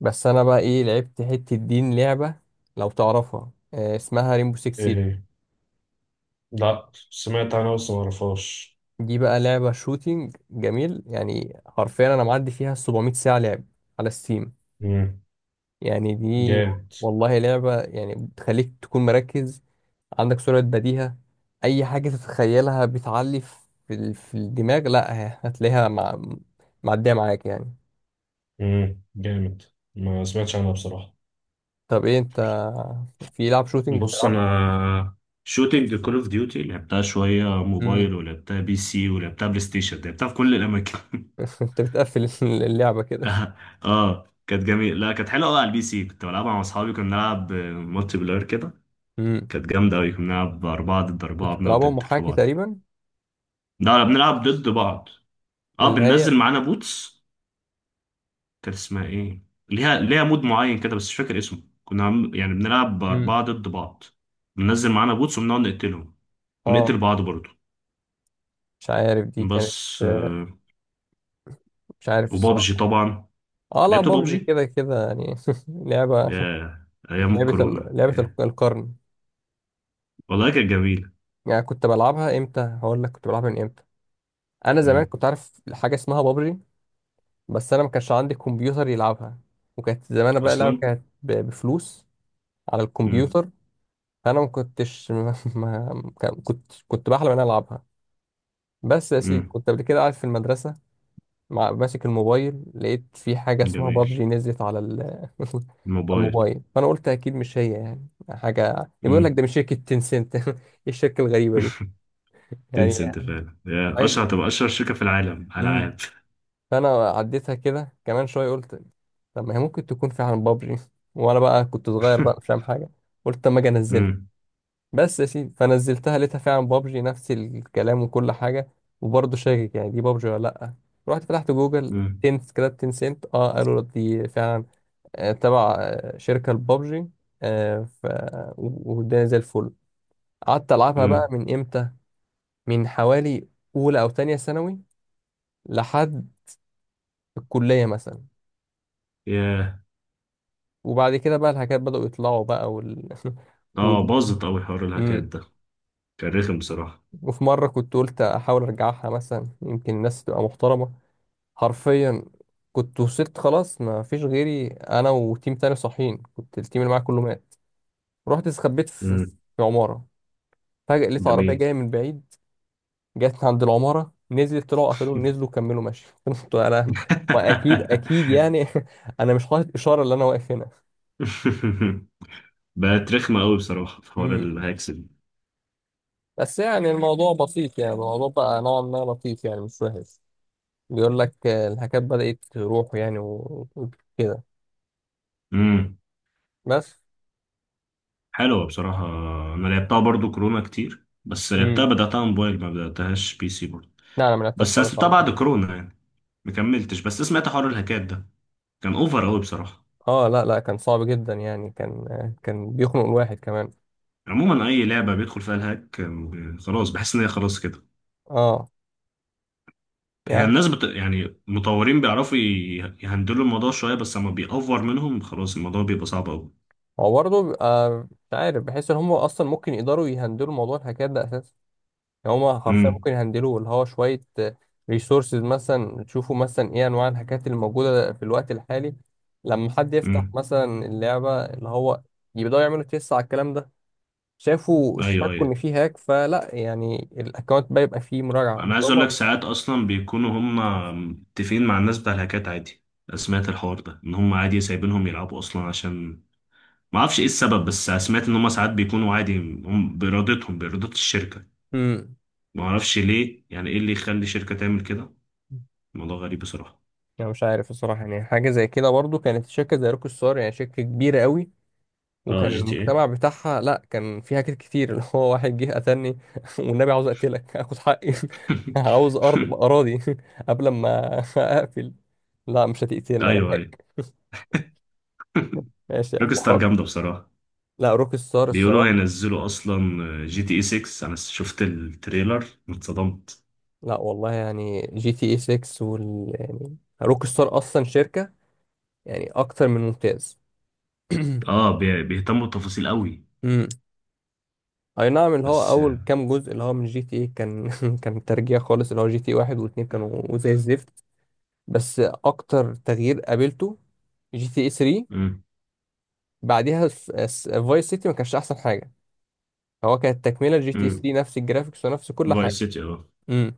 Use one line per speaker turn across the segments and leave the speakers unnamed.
بس انا بقى ايه لعبت حتة دين لعبة لو تعرفها، آه، اسمها ريمبو 6
ايه
سيج.
هي؟ لا، سمعت عنها بس ما اعرفهاش.
دي بقى لعبة شوتينج جميل، يعني حرفيا انا معدي فيها 700 ساعة لعب على ستيم.
مم،
يعني دي
جامد.
والله لعبة، يعني بتخليك تكون مركز، عندك سرعة بديهة، اي حاجة تتخيلها بتعلي في في الدماغ. لا هتلاقيها معدية معاك يعني.
مم، جامد. ما سمعتش عنها بصراحة.
طب ايه انت، في لعب شوتينج
بص
بتلعب؟
انا، شوتينج كول اوف ديوتي لعبتها شويه
امم
موبايل ولعبتها بي سي ولعبتها بلاي ستيشن، لعبتها في كل الاماكن.
انت بتقفل اللعبة
اه كانت جميل، لا كانت حلوه قوي على البي سي، كنت بلعبها مع اصحابي، كنا بنلعب مالتي بلاير كده.
كده؟
كانت جامده قوي، كنا بنلعب اربعه ضد
كنت
اربعه بنقعد
بتلعبها
نقتل في
محاكي
بعض.
تقريبا؟
لا لا، بنلعب ضد بعض. اه
اللي
بننزل
هي
معانا بوتس. كانت اسمها ايه؟ ليها مود معين كده بس مش فاكر اسمه، يعني بنلعب
امم
أربعة ضد بعض. بننزل معانا بوتس وبنقعد نقتلهم
اه،
ونقتل بعض برضه.
مش عارف دي كانت،
بس
آه،
آه،
مش عارف
وبابجي
الصراحة.
طبعا.
اه، لا،
لعبت
بابجي
بابجي،
كده كده يعني لعبة.
ياه أيام الكورونا،
لعبة
ياه.
القرن.
والله كانت جميلة.
يعني كنت بلعبها امتى؟ هقول لك كنت بلعبها من امتى. انا زمان
مم.
كنت عارف حاجة اسمها بابجي، بس انا ما كانش عندي كمبيوتر يلعبها، وكانت زمان بقى لعبة
أصلا.
كانت بفلوس على
مم.
الكمبيوتر. فانا ما كنتش ما... ما... كنت بحلم ان انا العبها. بس يا سيدي،
مم.
كنت قبل كده قاعد في المدرسة ماسك الموبايل، لقيت في حاجة اسمها
جميل.
بابجي نزلت على على
الموبايل.
الموبايل. فأنا قلت أكيد مش هي، يعني حاجة بيقول لك
مم.
ده من شركة تنسنت إيه الشركة الغريبة دي يعني؟
تنسى أنت فعلا، يا أشهر
عايز-
تبقى أشهر شركة في العالم ألعاب.
امم فأنا عديتها كده كمان شوية، قلت طب ما هي ممكن تكون فعلا بابجي، وأنا بقى كنت صغير بقى مش فاهم حاجة، قلت أما أجي أنزلها.
مم.
بس يا سيدي، فنزلتها لقيتها فعلا بابجي، نفس الكلام وكل حاجة. وبرضه شاكك يعني دي بابجي ولا لأ. رحت فتحت جوجل،
مم.
تنس كده، تنسنت، اه قالوا دي فعلا آه، تبع آه، شركة البابجي. آه، ف والدنيا زي الفل. قعدت ألعبها بقى
مم.
من إمتى؟ من حوالي أولى أو تانية ثانوي لحد الكلية مثلا.
ياه.
وبعد كده بقى الحاجات بدأوا يطلعوا بقى
اه
وال...
باظت أوي حوار الهاكات
مم.
ده، كان رخم بصراحة.
وفي مرة كنت قلت أحاول أرجعها، مثلا يمكن الناس تبقى محترمة. حرفيا كنت وصلت، خلاص ما فيش غيري، أنا وتيم تاني صاحيين، كنت التيم اللي معايا كله مات. رحت استخبيت في
امم.
عمارة، فجأة لقيت عربية
جميل.
جاية من بعيد، جت عند العمارة، نزلت، طلعوا قفلوه، نزلوا كملوا ماشي قلت انا ما، اكيد اكيد يعني انا مش حاطط اشارة اللي انا واقف هنا.
بقت رخمة أوي بصراحة في حوار
امم
الهاكس دي.
بس يعني الموضوع بسيط، يعني الموضوع بقى نوعا ما لطيف، يعني مش وحش. بيقول لك آه، الهكات بدأت تروح يعني، وكده.
امم.
بس.
حلوة بصراحة. أنا لعبتها برضو كورونا كتير، بس لعبتها
امم.
بدأتها موبايل ما بدأتهاش بي سي برضو.
لا، انا ما لعبتهاش
بس أنا
خالص على
سبتها
البيت.
بعد كورونا يعني، ما كملتش، بس سمعت حوار الهاكات ده، كان أوفر أوي بصراحة.
اه لا لا، كان صعب جدا يعني، كان بيخنق الواحد كمان.
عموما أي لعبة بيدخل فيها الهاك خلاص بحس إن هي خلاص كده.
اه، يعني
يعني المطورين بيعرفوا يهندلوا الموضوع شوية، بس لما بيأوفر منهم خلاص الموضوع بيبقى صعب
هو برضه بيبقى، مش عارف، بحس ان هم اصلا ممكن يقدروا يهندلوا موضوع الهكات ده. يعني هما حرفيا
أوي.
ممكن يهندلوا، اللي هو شوية ريسورسز مثلا، تشوفوا مثلا ايه انواع الحاجات اللي موجودة في الوقت الحالي. لما حد يفتح
امم.
مثلا اللعبة، اللي هو، يبدأوا يعملوا تيست على الكلام ده. شافوا
ايوه
اشتكوا
ايوه.
ان فيه هاك، فلا، يعني الاكونت بقى يبقى فيه مراجعة
انا عايز اقول
بالطبع.
لك ساعات اصلا بيكونوا هم متفقين مع الناس بتاع الهاكات عادي. أنا سمعت الحوار ده ان هم عادي سايبينهم يلعبوا اصلا، عشان ما اعرفش ايه السبب، بس سمعت ان هم ساعات بيكونوا عادي، هم بارادتهم باراده الشركه.
امم،
ما اعرفش ليه، يعني ايه اللي يخلي شركه تعمل كده؟ الموضوع غريب بصراحه.
انا مش عارف الصراحة، يعني حاجة زي كده برضو، كانت شركة زي روك ستار، يعني شركة كبيرة قوي،
اه
وكان
جي تي ايه.
المجتمع بتاعها، لا كان فيها حاجات كتير اللي هو، واحد جه قتلني والنبي عاوز اقتلك اخد حقي عاوز ارض اراضي قبل ما اقفل. لا، مش هتقتلني انا
ايوه ايوه.
حاج. ماشي يا عم،
روكستار
حاضر.
جامده بصراحه.
لا، روك ستار
بيقولوا
الصراحه،
هينزلوا اصلا جي تي اي 6، انا شفت التريلر اتصدمت.
لا والله، يعني جي تي اي 6 وال، يعني روك ستار اصلا شركه يعني اكتر من ممتاز.
اه بيهتموا بالتفاصيل قوي.
امم، اي نعم، اللي هو
بس.
اول كام جزء اللي هو من جي تي اي كان كان ترجيع خالص، اللي هو جي تي اي 1 و2 كانوا زي الزفت. بس اكتر تغيير قابلته جي تي اي 3،
امم.
بعديها فايس سيتي ما كانش احسن حاجه، هو كانت تكمله جي تي اي
امم.
3، نفس الجرافيكس ونفس كل حاجه.
فايس سيتي، اه.
امم،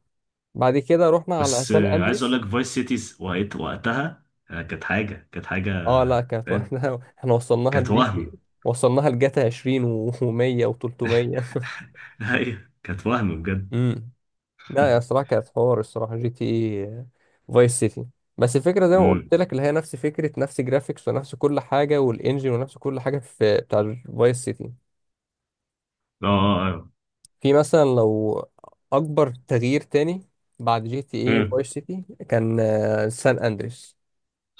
بعد كده رحنا على
بس
سان
عايز اقول
اندريس.
لك فايس سيتيز وقتها، كانت حاجه، كانت حاجه.
اه لا، كانت،
فاهم.
واحنا احنا وصلناها
كانت
لجي تي
وهم.
وصلناها لجاتا 20 و100 و300.
ايوه كانت وهم بجد.
امم، لا يا صراحه، كانت حوار الصراحه جي تي اي فايس سيتي، بس الفكره زي ما قلت
امم.
لك، اللي هي نفس فكره، نفس جرافيكس ونفس كل حاجه، والانجن ونفس كل حاجه في بتاع فايس سيتي.
اه اه آه.
في مثلا لو اكبر تغيير تاني بعد جي تي اي
امم.
فايس سيتي كان آه، سان اندريس،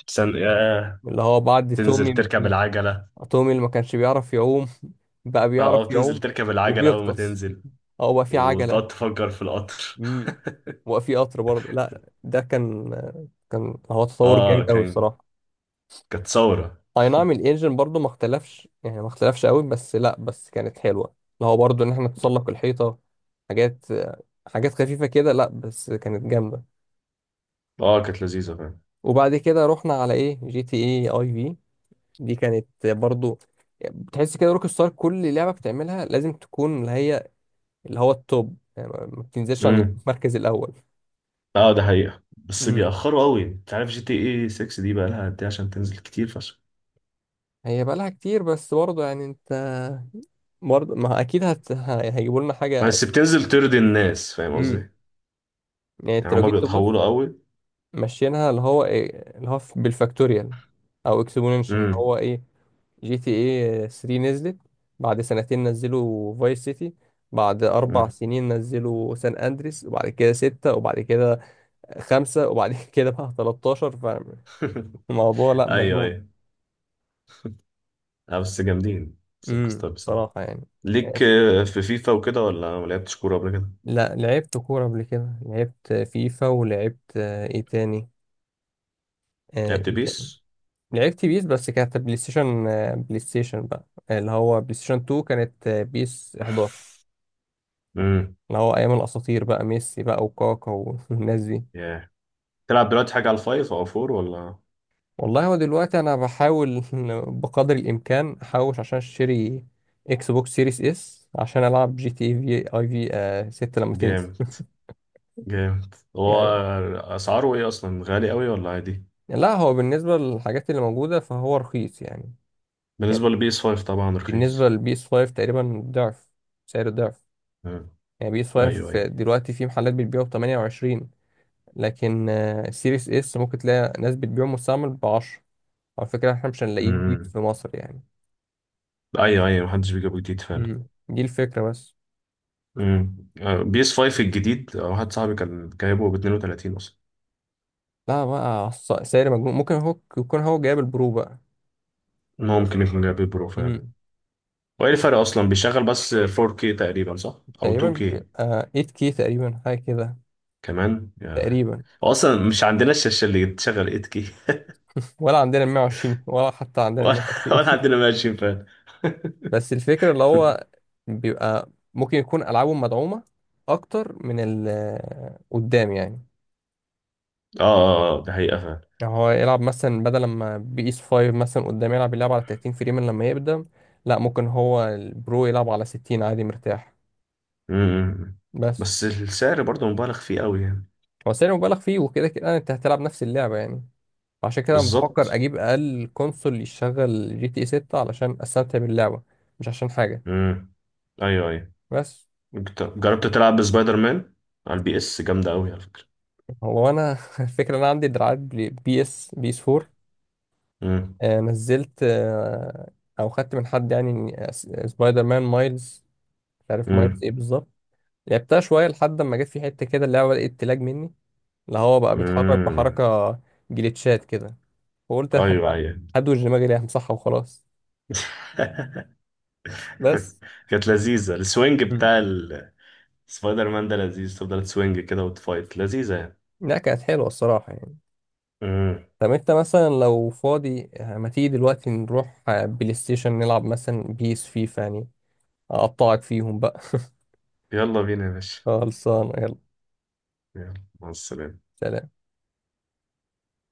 احسن يا،
اللي هو بعد
تنزل
تومي،
تركب العجله.
تومي اللي ما كانش بيعرف يعوم بقى
اه، او
بيعرف
تنزل
يعوم
تركب العجله اول ما
وبيغطس،
تنزل،
هو بقى في عجلة.
وتقعد تفجر في القطر.
امم، وبقى في قطر برضه. لا ده كان هو تطور جامد
اه
قوي
كان،
الصراحة.
كانت ثوره.
اي نعم، الانجن برضه ما اختلفش، يعني ما اختلفش قوي، بس لا، بس كانت حلوة، اللي هو برضه ان احنا نتسلق الحيطة، حاجات خفيفة كده. لا بس كانت جامدة.
اه كانت لذيذه.
وبعد كده رحنا على ايه، جي تي اي اي، في دي كانت برضو بتحس كده روك ستار كل لعبه بتعملها لازم تكون اللي هي، اللي هو التوب، يعني ما بتنزلش عن
فاهم.
المركز الاول.
اه ده حقيقة، بس
امم،
بيأخروا قوي، انت عارف جي تي اي 6 دي بقى لها قد ايه عشان تنزل؟ كتير فشخ.
هي بقى لها كتير، بس برضه يعني انت، برضه ما، اكيد هيجيبوا لنا حاجه.
بس بتنزل ترضي الناس، فاهم
امم،
قصدي؟
يعني انت
يعني
لو
هما
جيت تبص
بيتهوروا قوي.
ماشيينها، اللي هو ايه، اللي هو بالفاكتوريال او اكسبوننشال اللي
امم.
هو ايه، جي تي اي 3 نزلت، بعد سنتين نزلوا فايس سيتي، بعد أربع
أمم.
سنين نزلوا سان أندريس، وبعد كده ستة، وبعد كده خمسة، وبعد كده بقى 13. فالموضوع لأ،
ايوه
مجنون.
ايوه. لا بس جامدين سيركس
امم،
ستار بصراحة.
بصراحة يعني.
ليك
ماشي،
في فيفا وكده، ولا ما لعبتش كورة قبل كده؟
لا لعبت كورة قبل كده، لعبت فيفا، ولعبت، آه، ايه تاني، آه،
لعبت
ايه تاني
بيس.
لعبت بيس، بس كانت بلاي ستيشن، بقى اللي هو بلاي ستيشن 2، كانت، آه، بيس 11،
امم.
اللي هو ايام الاساطير بقى، ميسي بقى وكاكا والناس دي.
ياه. تلعب دلوقتي حاجة على الفايف او فور ولا؟
والله، هو دلوقتي انا بحاول بقدر الامكان احوش عشان اشتري اكس بوكس سيريس اس، عشان العب جي تي اي في اي في آه 6 لما تنزل.
جامد. جامد هو.
والله يعني،
اسعاره ايه اصلا، غالي قوي ولا عادي؟
لا هو بالنسبه للحاجات اللي موجوده فهو رخيص يعني، يعني
بالنسبة لبيس 5 طبعا
بالنسبه
رخيص.
للبي اس 5 تقريبا ضعف، سعره ضعف.
أمم.
يعني بي اس
ايوه
5
ايوه.
دلوقتي في محلات بتبيعه ب 28، لكن آه سيريس اس ممكن تلاقي ناس بتبيعه مستعمل ب 10. على فكره احنا مش هنلاقيه جديد
أمم.
في مصر يعني.
ايوه ايوه، محدش بيجيبه جديد فعلا.
امم، دي الفكره بس.
امم، بي اس 5 الجديد، واحد صاحبي كان جايبه ب 32 اصلا.
لا بقى، سعر مجنون، ممكن هو يكون هو جايب البرو بقى.
ان هو ممكن يكون جايب برو فعلا.
امم،
وايه الفرق اصلا؟ بيشغل بس 4K تقريبا، صح؟ او
تقريبا،
2K
آه 8K كي تقريبا حاجه كده
كمان يا.
تقريبا.
هو اصلا مش عندنا الشاشه اللي تشغل 8K.
ولا عندنا 120، ولا حتى عندنا
ولا، ولا
120
عندنا ماشين فعلا.
بس الفكره اللي هو بيبقى ممكن يكون العابه مدعومه اكتر من قدام يعني.
اه اه آه، ده حقيقة فعلا.
يعني هو يلعب مثلا، بدل ما بي اس 5 مثلا قدام يلعب اللعب على 30 فريم لما يقدم، لا ممكن هو البرو يلعب على 60 عادي مرتاح.
امم.
بس
بس السعر برضه مبالغ فيه قوي يعني.
هو سعر مبالغ فيه، وكده كده انت هتلعب نفس اللعبه يعني. عشان كده بفكر
بالظبط.
اجيب اقل كونسول يشغل جي تي اي 6 علشان استمتع باللعبه، مش عشان حاجه.
امم. ايوه ايوه.
بس
جربت تلعب بسبايدر مان على البي اس؟ جامدة قوي على فكرة.
هو انا الفكره إن انا عندي دراعات بي اس، بي اس 4،
مم.
آه، نزلت، آه، او خدت من حد يعني سبايدر مان مايلز، مش عارف مايلز
امم.
ايه بالظبط. لعبتها شويه، لحد ما جت في حته كده اللعبه بدات تلاج مني، اللي هو بقى بيتحرك
امم.
بحركه، جليتشات كده. فقلت
ايوه ايوه.
هدوش دماغي ليه، همسحها وخلاص. بس.
كانت لذيذه السوينج
مم.
بتاع سبايدر مان ده، لذيذ تفضل تسوينج كده وتفايت، لذيذه يعني.
لا كانت حلوه الصراحه يعني.
امم.
طب انت مثلا لو فاضي، ما تيجي دلوقتي نروح بلاي ستيشن نلعب مثلا بيس، فيفا يعني، اقطعك فيهم بقى
يلا بينا يا باشا.
خلصانه، يلا.
يلا. مع السلامه.
سلام.